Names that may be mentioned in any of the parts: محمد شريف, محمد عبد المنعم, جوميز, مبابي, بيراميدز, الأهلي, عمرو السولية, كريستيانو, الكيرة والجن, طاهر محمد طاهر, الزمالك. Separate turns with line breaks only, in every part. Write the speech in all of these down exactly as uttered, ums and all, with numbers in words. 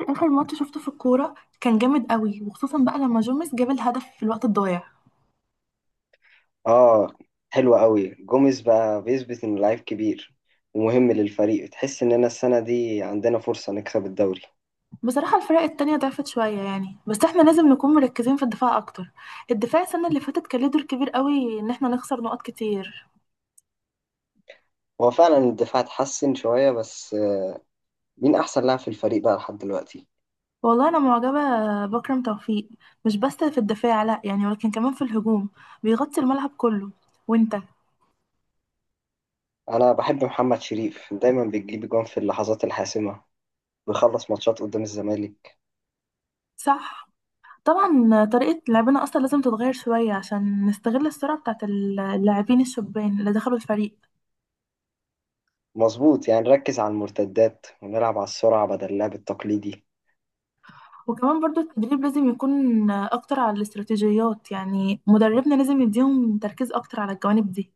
اخر ماتش شفته في الكوره كان جامد قوي وخصوصا بقى لما جوميز جاب الهدف في الوقت الضايع.
اه، حلوة قوي. جوميز بقى بيثبت انه لعيب كبير ومهم للفريق. تحس اننا السنة دي عندنا فرصة نكسب الدوري.
بصراحه الفرق التانية ضعفت شويه، يعني بس احنا لازم نكون مركزين في الدفاع اكتر. الدفاع السنه اللي فاتت كان ليه دور كبير قوي ان احنا نخسر نقط كتير.
هو فعلا الدفاع اتحسن شوية بس آه، مين احسن لاعب في الفريق بقى لحد دلوقتي؟
والله انا معجبه بكرم توفيق، مش بس في الدفاع، لا يعني، ولكن كمان في الهجوم. بيغطي الملعب كله. وانت؟
انا بحب محمد شريف، دايما بيجيب جون في اللحظات الحاسمة، بيخلص ماتشات قدام الزمالك.
صح. طبعا طريقة لعبنا أصلا لازم تتغير شوية عشان نستغل السرعة بتاعت اللاعبين الشبان اللي دخلوا الفريق.
مظبوط، يعني نركز على المرتدات ونلعب على السرعة بدل اللعب التقليدي.
وكمان برضو التدريب لازم يكون أكتر على الاستراتيجيات، يعني مدربنا لازم يديهم تركيز أكتر على الجوانب دي.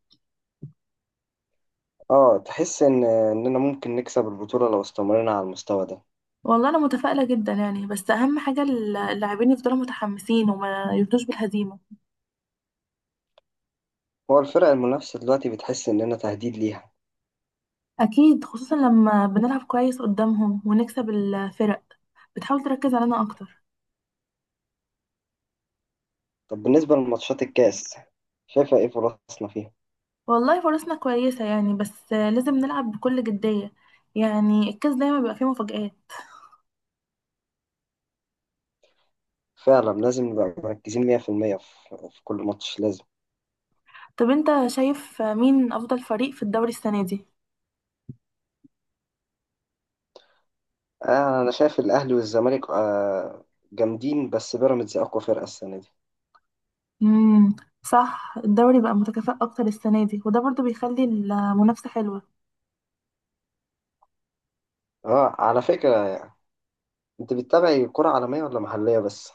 اه، تحس ان اننا ممكن نكسب البطولة لو استمرنا على المستوى ده.
والله أنا متفائلة جدا يعني، بس أهم حاجة اللاعبين يفضلوا متحمسين وما يرضوش بالهزيمة.
هو الفرق المنافسة دلوقتي بتحس اننا تهديد ليها؟
أكيد، خصوصا لما بنلعب كويس قدامهم ونكسب الفرق بتحاول تركز علينا أكتر.
طب بالنسبة لماتشات الكاس، شايفة ايه فرصنا فيها؟
والله فرصنا كويسة يعني، بس لازم نلعب بكل جدية. يعني الكاس دايما بيبقى فيه مفاجآت.
فعلا لازم نبقى مركزين مية في المية في المية في في كل ماتش لازم.
طب أنت شايف مين أفضل فريق في الدوري السنة دي؟
آه، أنا شايف الأهلي والزمالك آه جامدين، بس بيراميدز أقوى فرقة السنة دي.
امم، صح. الدوري بقى متكافئ اكتر السنه دي وده برضو بيخلي المنافسه حلوه.
اه، على فكرة، أنت بتتابعي كرة عالمية ولا محلية بس؟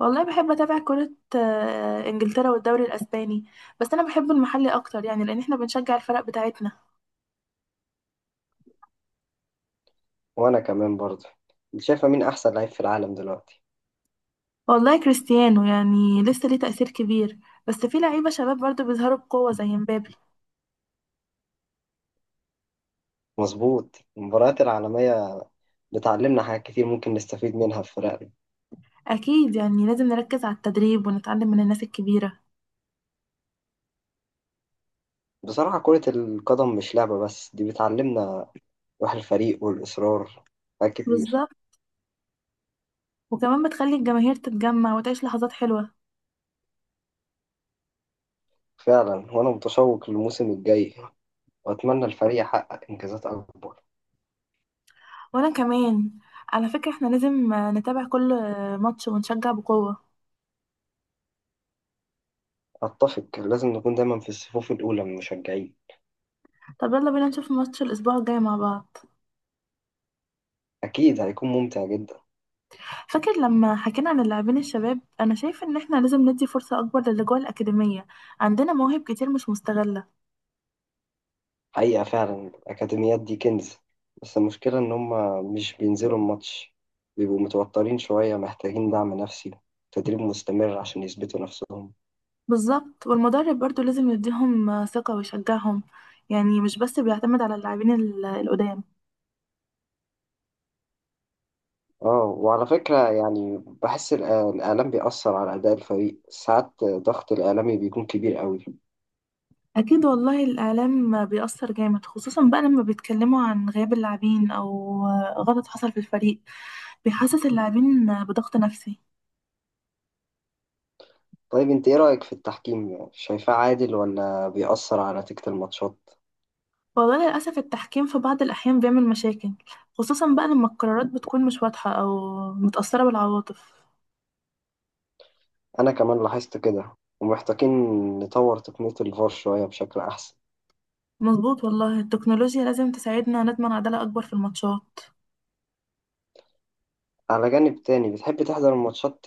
والله بحب اتابع كره. آه، انجلترا والدوري الاسباني. بس انا بحب المحلي اكتر يعني لان احنا بنشجع الفرق بتاعتنا.
وأنا كمان برضه. أنت شايفة مين أحسن لعيب في العالم دلوقتي؟
والله كريستيانو يعني لسه ليه تاثير كبير. بس في لعيبه شباب برضو بيظهروا بقوه زي مبابي.
مظبوط، المباريات العالمية بتعلمنا حاجات كتير ممكن نستفيد منها في فرقنا.
اكيد يعني، لازم نركز على التدريب ونتعلم من الناس الكبيره.
بصراحة كرة القدم مش لعبة بس، دي بتعلمنا روح الفريق والإصرار، حاجات كتير.
بالظبط. وكمان بتخلي الجماهير تتجمع وتعيش لحظات حلوه.
فعلا، وأنا متشوق للموسم الجاي، وأتمنى الفريق يحقق إنجازات أكبر.
وانا كمان. على فكره احنا لازم آه، نتابع كل آه، ماتش ونشجع بقوه.
أتفق، لازم نكون دايما في الصفوف الأولى من المشجعين.
طب يلا بينا نشوف ماتش الأسبوع الجاي مع بعض.
أكيد هيكون ممتع جدا.
فاكر لما حكينا عن اللاعبين الشباب، أنا شايفة إن إحنا لازم ندي فرصة أكبر للي جوه الأكاديمية. عندنا مواهب كتير مش مستغلة.
حقيقة فعلا الأكاديميات دي كنز، بس المشكلة إن هما مش بينزلوا الماتش، بيبقوا متوترين شوية، محتاجين دعم نفسي، تدريب مستمر عشان يثبتوا نفسهم.
بالظبط. والمدرب برضو لازم يديهم آه، ثقة ويشجعهم. يعني مش بس بيعتمد على اللاعبين ال- القدام.
اه، وعلى فكرة يعني بحس الإع- الإعلام بيأثر على أداء الفريق ساعات، ضغط الإعلامي بيكون كبير قوي.
أكيد والله الإعلام آه، بيأثر جامد، خصوصا بقى لما بيتكلموا عن غياب اللاعبين أو آه، غلط حصل في الفريق. بيحسس اللاعبين آه، بضغط نفسي.
طيب انت ايه رأيك في التحكيم، شايفاه عادل ولا بيأثر على نتيجة الماتشات؟
والله للأسف التحكيم في بعض الأحيان بيعمل مشاكل، خصوصا بقى لما القرارات بتكون مش واضحة أو متأثرة بالعواطف.
انا كمان لاحظت كده، ومحتاجين نطور تقنية الفار شوية بشكل احسن.
مظبوط. والله التكنولوجيا لازم تساعدنا نضمن عدالة أكبر في الماتشات.
على جانب تاني، بتحب تحضر الماتشات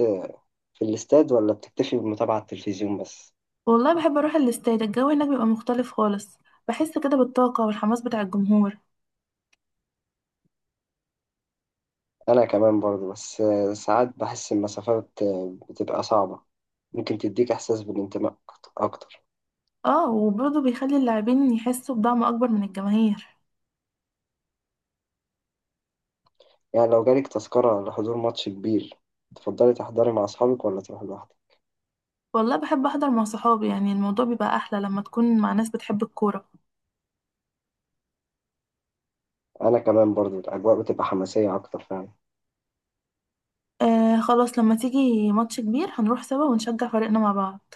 في الاستاد ولا بتكتفي بمتابعة على التلفزيون بس؟
والله بحب أروح الاستاد. الجو هناك بيبقى مختلف خالص. بحس كده بالطاقة والحماس بتاع الجمهور.
انا كمان برضو، بس ساعات بحس المسافات بتبقى صعبة. ممكن تديك احساس بالانتماء اكتر،
اه. وبرضه بيخلي اللاعبين يحسوا بدعم أكبر من الجماهير.
يعني لو جالك تذكرة لحضور ماتش كبير، تفضلي تحضري مع اصحابك ولا تروحي لوحدك؟
والله بحب أحضر مع صحابي، يعني الموضوع بيبقى أحلى لما تكون مع ناس بتحب الكورة.
انا كمان برضو الاجواء بتبقى حماسية اكتر فعلا.
آه خلاص. لما تيجي ماتش كبير هنروح سوا ونشجع فريقنا مع بعض.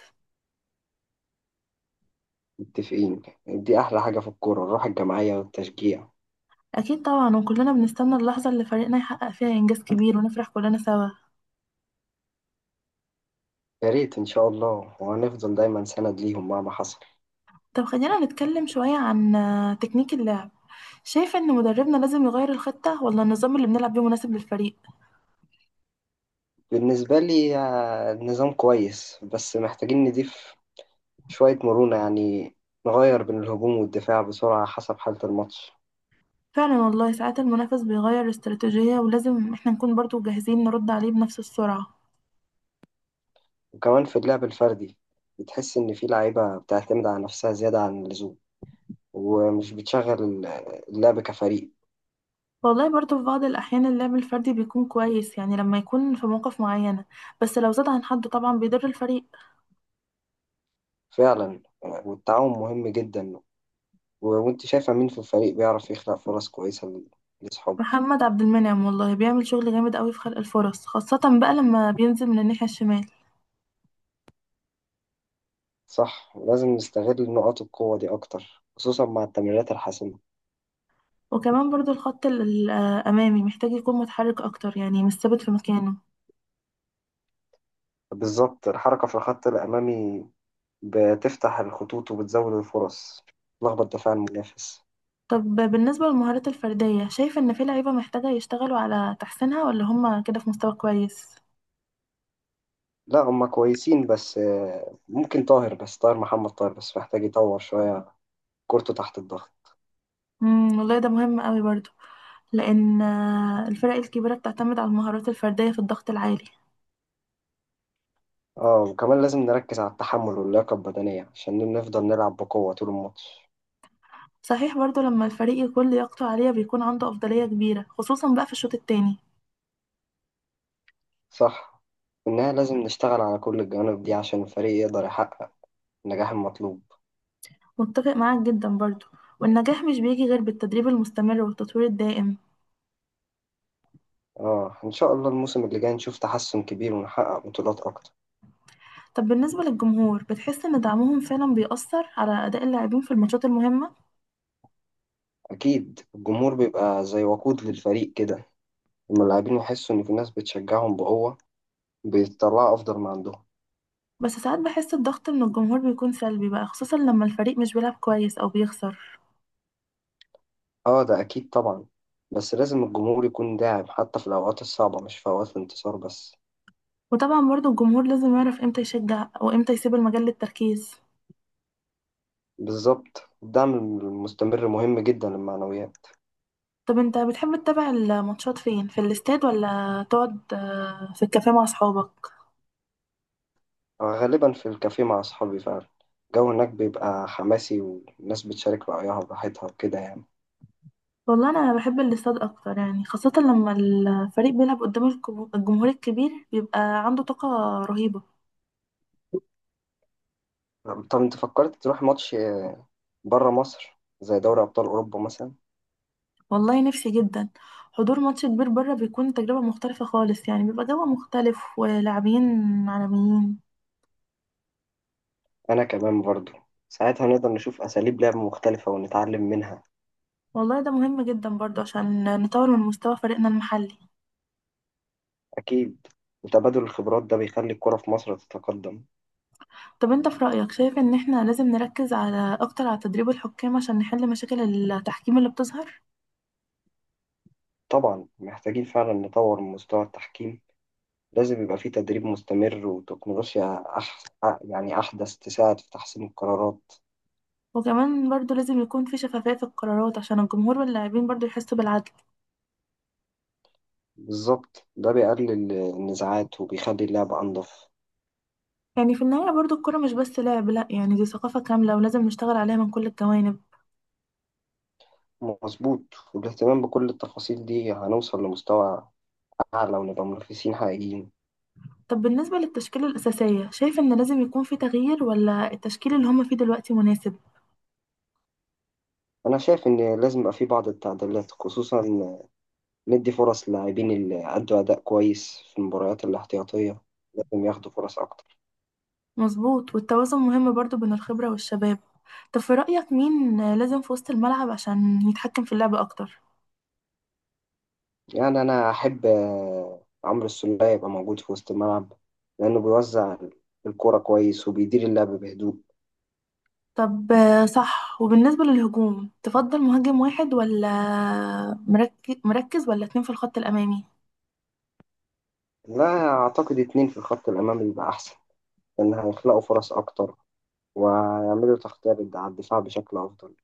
متفقين، دي أحلى حاجة في الكورة، الروح الجماعية والتشجيع.
أكيد طبعا. وكلنا بنستنى اللحظة اللي فريقنا يحقق فيها إنجاز كبير ونفرح كلنا سوا.
يا ريت إن شاء الله، وهنفضل دايما سند ليهم مهما حصل.
طب خلينا نتكلم شوية عن آه، تكنيك اللعب. شايفة إن مدربنا لازم يغير الخطة ولا النظام اللي بنلعب بيه مناسب للفريق؟
بالنسبة لي آه، النظام كويس، بس محتاجين نضيف شوية مرونة، يعني نغير بين الهجوم والدفاع بسرعة حسب حالة الماتش.
فعلا والله ساعات المنافس بيغير استراتيجية ولازم إحنا نكون برضو جاهزين نرد عليه بنفس السرعة.
وكمان في اللعب الفردي، بتحس إن في لعيبة بتعتمد على نفسها زيادة عن اللزوم، ومش بتشغل اللعب كفريق.
والله برضو في بعض الأحيان اللعب الفردي بيكون كويس، يعني لما يكون في مواقف معينة. بس لو زاد عن حده طبعا بيضر الفريق.
فعلا آه، والتعاون مهم جدا. و- وانت شايفة مين في الفريق بيعرف يخلق فرص كويسة لأصحابه؟
محمد عبد المنعم والله بيعمل شغل جامد قوي في خلق الفرص، خاصة بقى لما بينزل من الناحية الشمال.
صح، لازم نستغل نقاط القوة دي أكتر خصوصا مع التمريرات الحاسمة.
وكمان برضو الخط ال- ال- الأمامي محتاج يكون متحرك أكتر، يعني مش ثابت في مكانه.
بالظبط، الحركة في الخط الأمامي بتفتح الخطوط وبتزود الفرص، تلخبط دفاع المنافس.
طب بالنسبة للمهارات الفردية، شايف إن في لعيبة محتاجة يشتغلوا على تحسينها ولا هما كده في مستوى كويس؟
لا هما كويسين، بس آه، ممكن طاهر بس طاهر محمد طاهر بس محتاج يطور شوية كورته تحت الضغط.
امم، والله ده مهم قوي برضو. لأن آه، الفرق الكبيرة بتعتمد على المهارات الفردية في الضغط العالي.
اه وكمان لازم نركز على التحمل واللياقة البدنية عشان نفضل نلعب بقوة طول الماتش.
صحيح برضو، لما الفريق يكون لياقته عالية بيكون عنده أفضلية كبيرة، خصوصا بقى في الشوط التاني.
صح، إنها لازم نشتغل على كل الجوانب دي عشان الفريق يقدر يحقق النجاح المطلوب.
متفق معاك جدا برضو. والنجاح مش بيجي غير بالتدريب المستمر والتطوير الدائم.
اه ان شاء الله الموسم اللي جاي نشوف تحسن كبير ونحقق بطولات اكتر.
طب بالنسبة للجمهور، بتحس إن دعمهم فعلا بيأثر على أداء اللاعبين في الماتشات المهمة؟
اكيد، الجمهور بيبقى زي وقود للفريق كده، لما اللاعبين يحسوا ان في ناس بتشجعهم بقوة، بيطلعوا افضل ما عندهم.
بس ساعات بحس الضغط من الجمهور بيكون سلبي بقى، خصوصا لما الفريق مش بيلعب كويس أو بيخسر.
اه ده اكيد طبعا، بس لازم الجمهور يكون داعم حتى في الاوقات الصعبة، مش في اوقات الانتصار بس.
وطبعا برضو الجمهور لازم يعرف إمتى يشجع وإمتى يسيب المجال للتركيز.
بالظبط، الدعم المستمر مهم جدا للمعنويات.
طب أنت بتحب تتابع الماتشات فين، في الاستاد ولا تقعد آه، في الكافيه مع أصحابك؟
آه، غالبا في الكافيه مع اصحابي فعلا، الجو هناك بيبقى حماسي والناس بتشارك رأيها براحتها وكده يعني.
والله أنا بحب الاستاد أكتر، يعني خاصة لما الفريق بيلعب قدام الكم- الجمهور الكبير بيبقى عنده طاقة رهيبة.
طب انت فكرت تروح ماتش بره مصر زي دوري أبطال أوروبا مثلا؟
والله نفسي جدا. حضور ماتش كبير بره بيكون تجربة مختلفة خالص، يعني بيبقى جو مختلف ولاعبين عالميين.
أنا كمان برضو، ساعتها نقدر نشوف أساليب لعب مختلفة ونتعلم منها.
والله ده مهم جدا برضه عشان نطور من مستوى فريقنا المحلي.
أكيد، وتبادل الخبرات ده بيخلي الكرة في مصر تتقدم.
طب انت في رأيك شايف ان احنا لازم نركز على اكتر على تدريب الحكام عشان نحل مشاكل التحكيم اللي بتظهر؟
طبعا محتاجين فعلا نطور من مستوى التحكيم، لازم يبقى فيه تدريب مستمر وتكنولوجيا أح... يعني أحدث تساعد في تحسين القرارات.
وكمان برضه لازم يكون في شفافية في القرارات عشان الجمهور واللاعبين برضه يحسوا بالعدل.
بالظبط، ده بيقلل النزاعات وبيخلي اللعبة أنظف.
يعني في النهاية برضه الكرة مش بس لعب، لا يعني دي ثقافة كاملة ولازم نشتغل عليها من كل الجوانب.
مظبوط، والاهتمام بكل التفاصيل دي هنوصل لمستوى أعلى ونبقى منافسين حقيقيين.
طب بالنسبة للتشكيلة الأساسية، شايف إن لازم يكون في تغيير ولا التشكيل اللي هما فيه دلوقتي مناسب؟
أنا شايف إن لازم يبقى في بعض التعديلات، خصوصا ندي فرص للاعبين اللي أدوا أداء كويس في المباريات الاحتياطية، لازم ياخدوا فرص أكتر.
مظبوط، والتوازن مهم برضو بين الخبرة والشباب. طب في رأيك مين لازم في وسط الملعب عشان يتحكم في اللعب أكتر؟
يعني أنا أحب آه، عمرو السولية يبقى موجود في وسط الملعب، لأنه بيوزع الكرة كويس وبيدير اللعب بهدوء.
طب آه، صح. وبالنسبة للهجوم تفضل مهاجم واحد ولا مركز مركز ولا اتنين في الخط الأمامي؟
لا، أعتقد اتنين في الخط الأمامي يبقى أحسن، لأن هيخلقوا فرص أكتر ويعملوا تغطية على الدفاع بشكل أفضل.